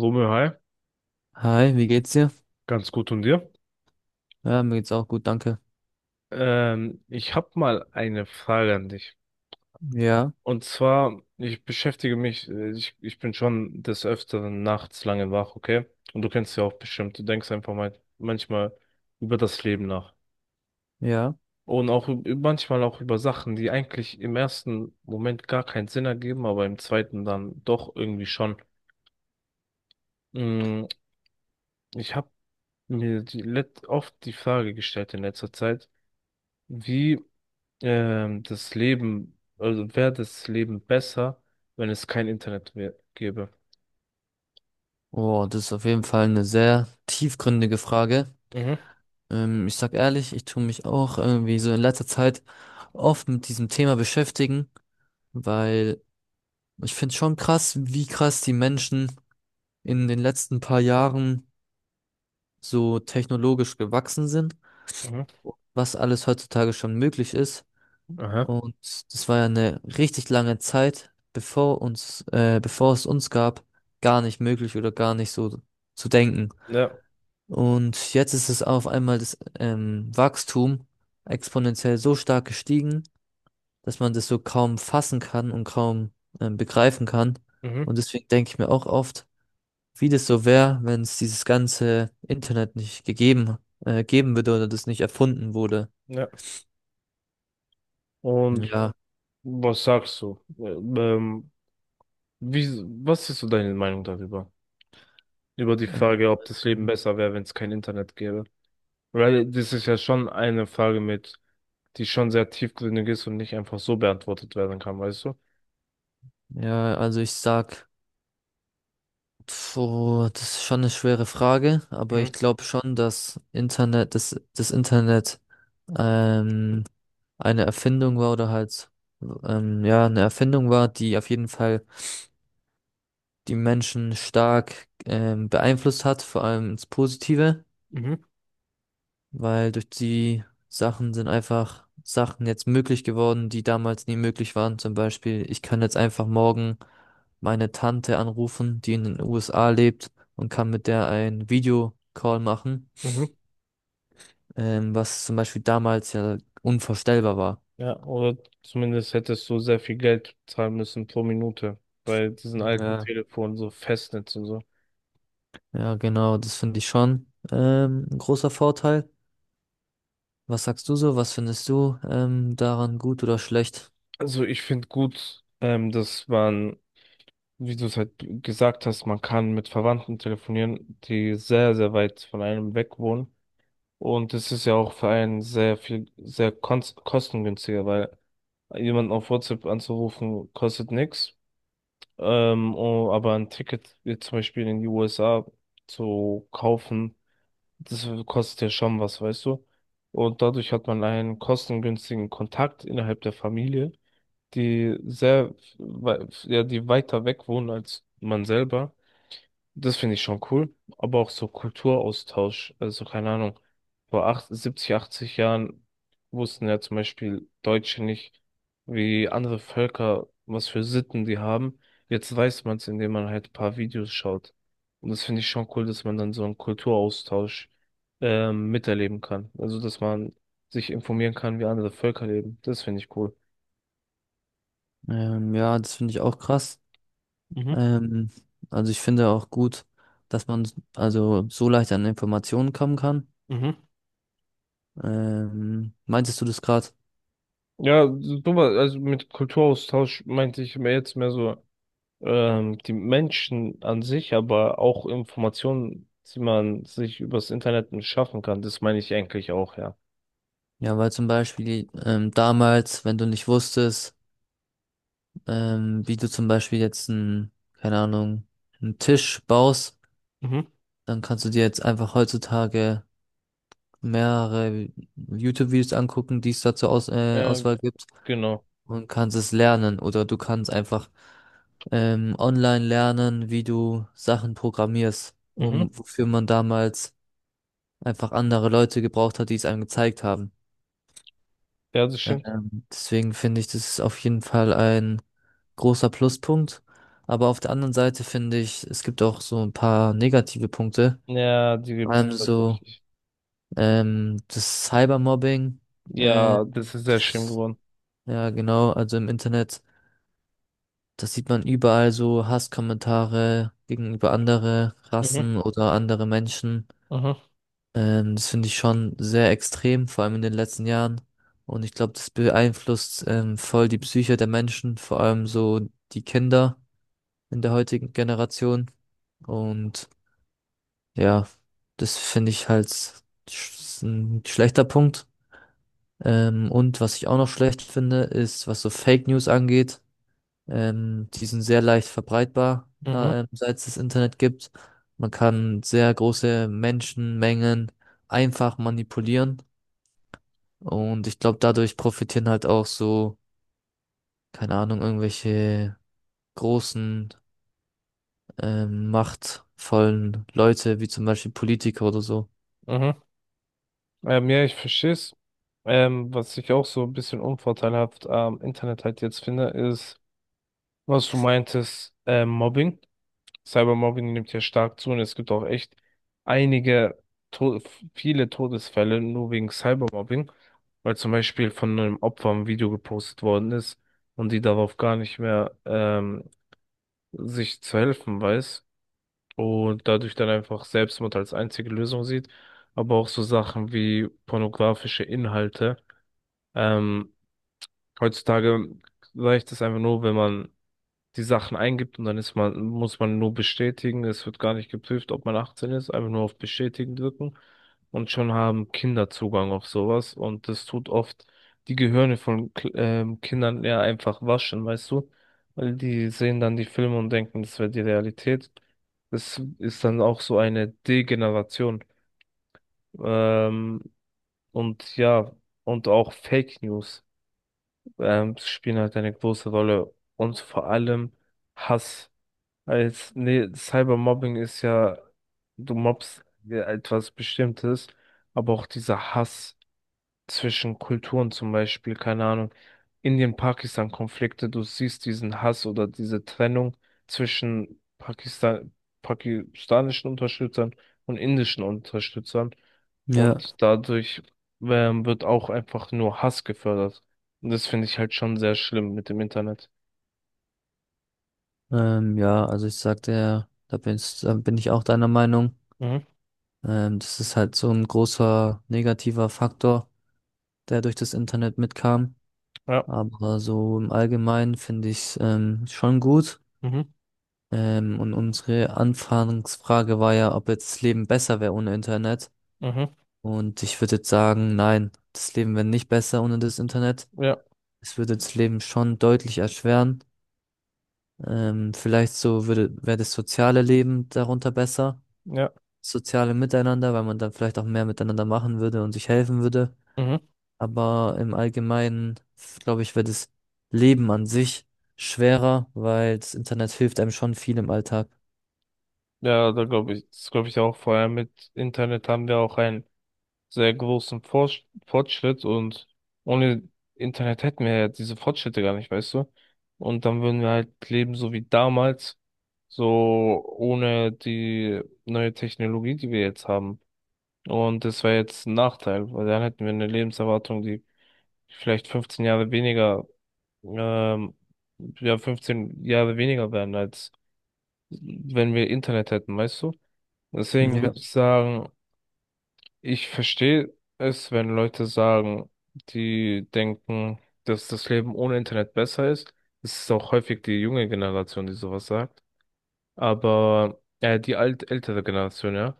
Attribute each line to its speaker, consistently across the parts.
Speaker 1: Romeo, hi,
Speaker 2: Hi, wie geht's dir?
Speaker 1: ganz gut und dir?
Speaker 2: Ja, mir geht's auch gut, danke.
Speaker 1: Ich habe mal eine Frage an dich.
Speaker 2: Ja,
Speaker 1: Und zwar, ich beschäftige mich, ich bin schon des Öfteren nachts lange wach, okay? Und du kennst ja auch bestimmt, du denkst einfach mal manchmal über das Leben nach.
Speaker 2: ja.
Speaker 1: Und auch manchmal auch über Sachen, die eigentlich im ersten Moment gar keinen Sinn ergeben, aber im zweiten dann doch irgendwie schon. Mm, Ich habe mir oft die Frage gestellt in letzter Zeit, wie das Leben, also wäre das Leben besser, wenn es kein Internet gäbe?
Speaker 2: Oh, das ist auf jeden Fall eine sehr tiefgründige Frage.
Speaker 1: Mhm.
Speaker 2: Ich sag ehrlich, ich tue mich auch irgendwie so in letzter Zeit oft mit diesem Thema beschäftigen, weil ich finde schon krass, wie krass die Menschen in den letzten paar Jahren so technologisch gewachsen sind,
Speaker 1: Mhm.
Speaker 2: was alles heutzutage schon möglich ist.
Speaker 1: Aha.
Speaker 2: Und das war ja eine richtig lange Zeit, bevor es uns gab, gar nicht möglich oder gar nicht so zu denken.
Speaker 1: Ja.
Speaker 2: Und jetzt ist es auf einmal das Wachstum exponentiell so stark gestiegen, dass man das so kaum fassen kann und kaum begreifen kann.
Speaker 1: Mhm.
Speaker 2: Und deswegen denke ich mir auch oft, wie das so wäre, wenn es dieses ganze Internet nicht geben würde oder das nicht erfunden wurde.
Speaker 1: Ja. Und
Speaker 2: Ja,
Speaker 1: was sagst du? Wie, Was ist so deine Meinung darüber? Über die
Speaker 2: äh,
Speaker 1: Frage, ob das Leben besser wäre, wenn es kein Internet gäbe? Weil das ist ja schon eine Frage, die schon sehr tiefgründig ist und nicht einfach so beantwortet werden kann, weißt du?
Speaker 2: ja, also ich sag so, das ist schon eine schwere Frage, aber ich
Speaker 1: Mhm.
Speaker 2: glaube schon, dass das Internet ähm, eine Erfindung war, eine Erfindung war, die auf jeden Fall die Menschen stark beeinflusst hat, vor allem ins Positive.
Speaker 1: Mhm.
Speaker 2: Weil durch die Sachen sind einfach Sachen jetzt möglich geworden, die damals nie möglich waren. Zum Beispiel, ich kann jetzt einfach morgen meine Tante anrufen, die in den USA lebt und kann mit der ein Videocall machen,
Speaker 1: Mhm.
Speaker 2: was zum Beispiel damals ja unvorstellbar war.
Speaker 1: Ja, oder zumindest hättest du sehr viel Geld zahlen müssen pro Minute bei diesen alten
Speaker 2: Ja.
Speaker 1: Telefonen, so Festnetz und so.
Speaker 2: Ja, genau, das finde ich schon ein großer Vorteil. Was sagst du so? Was findest du daran gut oder schlecht?
Speaker 1: Also ich finde gut, dass man, wie du es halt gesagt hast, man kann mit Verwandten telefonieren, die sehr, sehr weit von einem weg wohnen. Und es ist ja auch für einen sehr viel, sehr kostengünstiger, weil jemanden auf WhatsApp anzurufen kostet nichts. Oh, aber ein Ticket jetzt zum Beispiel in die USA zu kaufen, das kostet ja schon was, weißt du? Und dadurch hat man einen kostengünstigen Kontakt innerhalb der Familie, ja, die weiter weg wohnen als man selber. Das finde ich schon cool. Aber auch so Kulturaustausch, also keine Ahnung. Vor 70, 80 Jahren wussten ja zum Beispiel Deutsche nicht, wie andere Völker, was für Sitten die haben. Jetzt weiß man es, indem man halt ein paar Videos schaut. Und das finde ich schon cool, dass man dann so einen Kulturaustausch miterleben kann. Also, dass man sich informieren kann, wie andere Völker leben. Das finde ich cool.
Speaker 2: Ja, das finde ich auch krass.
Speaker 1: Mhm.
Speaker 2: Ähm, also ich finde auch gut, dass man also so leicht an Informationen kommen kann.
Speaker 1: Mhm.
Speaker 2: Meintest du das gerade?
Speaker 1: Ja, super, also mit Kulturaustausch meinte ich mehr so die Menschen an sich, aber auch Informationen, die man sich übers Internet schaffen kann. Das meine ich eigentlich auch, ja.
Speaker 2: Ja, weil zum Beispiel damals, wenn du nicht wusstest, wie du zum Beispiel jetzt einen, keine Ahnung, einen Tisch baust,
Speaker 1: Mhm.
Speaker 2: dann kannst du dir jetzt einfach heutzutage mehrere YouTube-Videos angucken, die es dazu aus,
Speaker 1: Ja,
Speaker 2: Auswahl gibt.
Speaker 1: genau.
Speaker 2: Und kannst es lernen oder du kannst einfach online lernen, wie du Sachen programmierst,
Speaker 1: Mhm.
Speaker 2: wofür man damals einfach andere Leute gebraucht hat, die es einem gezeigt haben.
Speaker 1: Ja, das stimmt.
Speaker 2: Deswegen finde ich, das ist auf jeden Fall ein großer Pluspunkt. Aber auf der anderen Seite finde ich, es gibt auch so ein paar negative Punkte.
Speaker 1: Ja, die
Speaker 2: Vor
Speaker 1: gibt es
Speaker 2: allem so
Speaker 1: tatsächlich.
Speaker 2: das Cybermobbing. Äh,
Speaker 1: Ja, das ist sehr schlimm geworden.
Speaker 2: ja, genau, also im Internet. Das sieht man überall, so Hasskommentare gegenüber andere
Speaker 1: Mhm.
Speaker 2: Rassen oder andere Menschen.
Speaker 1: Mhm.
Speaker 2: Das finde ich schon sehr extrem, vor allem in den letzten Jahren. Und ich glaube, das beeinflusst voll die Psyche der Menschen, vor allem so die Kinder in der heutigen Generation. Und ja, das finde ich halt sch ein schlechter Punkt. Und was ich auch noch schlecht finde, ist, was so Fake News angeht. Die sind sehr leicht verbreitbar,
Speaker 1: Mhm.
Speaker 2: seit es das Internet gibt. Man kann sehr große Menschenmengen einfach manipulieren. Und ich glaube, dadurch profitieren halt auch so, keine Ahnung, irgendwelche großen, machtvollen Leute, wie zum Beispiel Politiker oder so.
Speaker 1: Mhm. Ja, ich verstehe es. Was ich auch so ein bisschen unvorteilhaft am Internet halt jetzt finde, ist, was du meintest, Mobbing. Cybermobbing nimmt ja stark zu und es gibt auch echt einige, to viele Todesfälle nur wegen Cybermobbing, weil zum Beispiel von einem Opfer ein Video gepostet worden ist und die darauf gar nicht mehr sich zu helfen weiß und dadurch dann einfach Selbstmord als einzige Lösung sieht, aber auch so Sachen wie pornografische Inhalte. Ähm, Heutzutage reicht es einfach nur, wenn man die Sachen eingibt und dann muss man nur bestätigen. Es wird gar nicht geprüft, ob man 18 ist, einfach nur auf Bestätigen drücken. Und schon haben Kinder Zugang auf sowas. Und das tut oft die Gehirne von Kindern eher einfach waschen, weißt du? Weil die sehen dann die Filme und denken, das wäre die Realität. Das ist dann auch so eine Degeneration. Ähm, und ja, und auch Fake News spielen halt eine große Rolle. Und vor allem Hass. Nee, Cybermobbing ist ja, du mobbst ja etwas Bestimmtes, aber auch dieser Hass zwischen Kulturen zum Beispiel, keine Ahnung, Indien-Pakistan-Konflikte, du siehst diesen Hass oder diese Trennung zwischen pakistanischen Unterstützern und indischen Unterstützern
Speaker 2: Ja,
Speaker 1: und dadurch wird auch einfach nur Hass gefördert. Und das finde ich halt schon sehr schlimm mit dem Internet.
Speaker 2: ja, also ich sagte ja, da bin ich auch deiner Meinung.
Speaker 1: Mhm.
Speaker 2: Das ist halt so ein großer negativer Faktor, der durch das Internet mitkam.
Speaker 1: Ja.
Speaker 2: Aber so im Allgemeinen finde ich es schon gut.
Speaker 1: Mhm.
Speaker 2: Und unsere Anfangsfrage war ja, ob jetzt das Leben besser wäre ohne Internet.
Speaker 1: Mhm.
Speaker 2: Und ich würde jetzt sagen, nein, das Leben wäre nicht besser ohne das Internet.
Speaker 1: Ja.
Speaker 2: Es würde das Leben schon deutlich erschweren. Vielleicht wäre das soziale Leben darunter besser.
Speaker 1: Ja.
Speaker 2: Soziale Miteinander, weil man dann vielleicht auch mehr miteinander machen würde und sich helfen würde.
Speaker 1: Mhm.
Speaker 2: Aber im Allgemeinen, glaube ich, wird das Leben an sich schwerer, weil das Internet hilft einem schon viel im Alltag.
Speaker 1: Ja, da glaube ich, das glaube ich auch. Vor allem mit Internet haben wir auch einen sehr großen Fortschritt und ohne Internet hätten wir ja diese Fortschritte gar nicht, weißt du? Und dann würden wir halt leben so wie damals, so ohne die neue Technologie, die wir jetzt haben. Und das wäre jetzt ein Nachteil, weil dann hätten wir eine Lebenserwartung, die vielleicht 15 Jahre weniger, ähm, ja, 15 Jahre weniger wären, als wenn wir Internet hätten, weißt du? Deswegen würde
Speaker 2: Ja,
Speaker 1: ich sagen, ich verstehe es, wenn Leute sagen, die denken, dass das Leben ohne Internet besser ist. Es ist auch häufig die junge Generation, die sowas sagt. Aber, die alt ältere Generation, ja.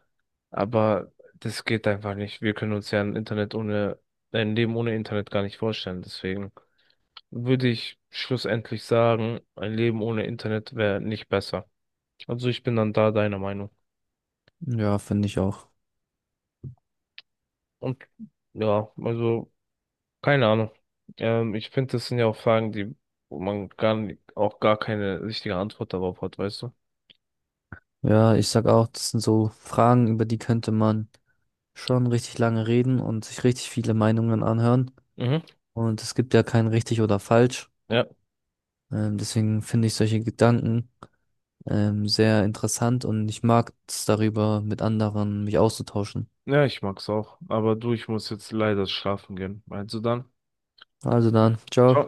Speaker 1: Aber das geht einfach nicht. Wir können uns ja ein Leben ohne Internet gar nicht vorstellen. Deswegen würde ich schlussendlich sagen, ein Leben ohne Internet wäre nicht besser. Also ich bin dann da deiner Meinung.
Speaker 2: ja, finde ich auch.
Speaker 1: Und ja, also. Keine Ahnung. Ich finde, das sind ja auch Fragen, wo man gar nicht, auch gar keine richtige Antwort darauf hat, weißt du?
Speaker 2: Ja, ich sag auch, das sind so Fragen, über die könnte man schon richtig lange reden und sich richtig viele Meinungen anhören.
Speaker 1: Mhm.
Speaker 2: Und es gibt ja kein richtig oder falsch.
Speaker 1: Ja.
Speaker 2: Deswegen finde ich solche Gedanken sehr interessant und ich mag es, darüber mit anderen mich auszutauschen.
Speaker 1: Ja, ich mag's auch. Aber du, ich muss jetzt leider schlafen gehen. Also dann.
Speaker 2: Also dann,
Speaker 1: Ciao.
Speaker 2: ciao.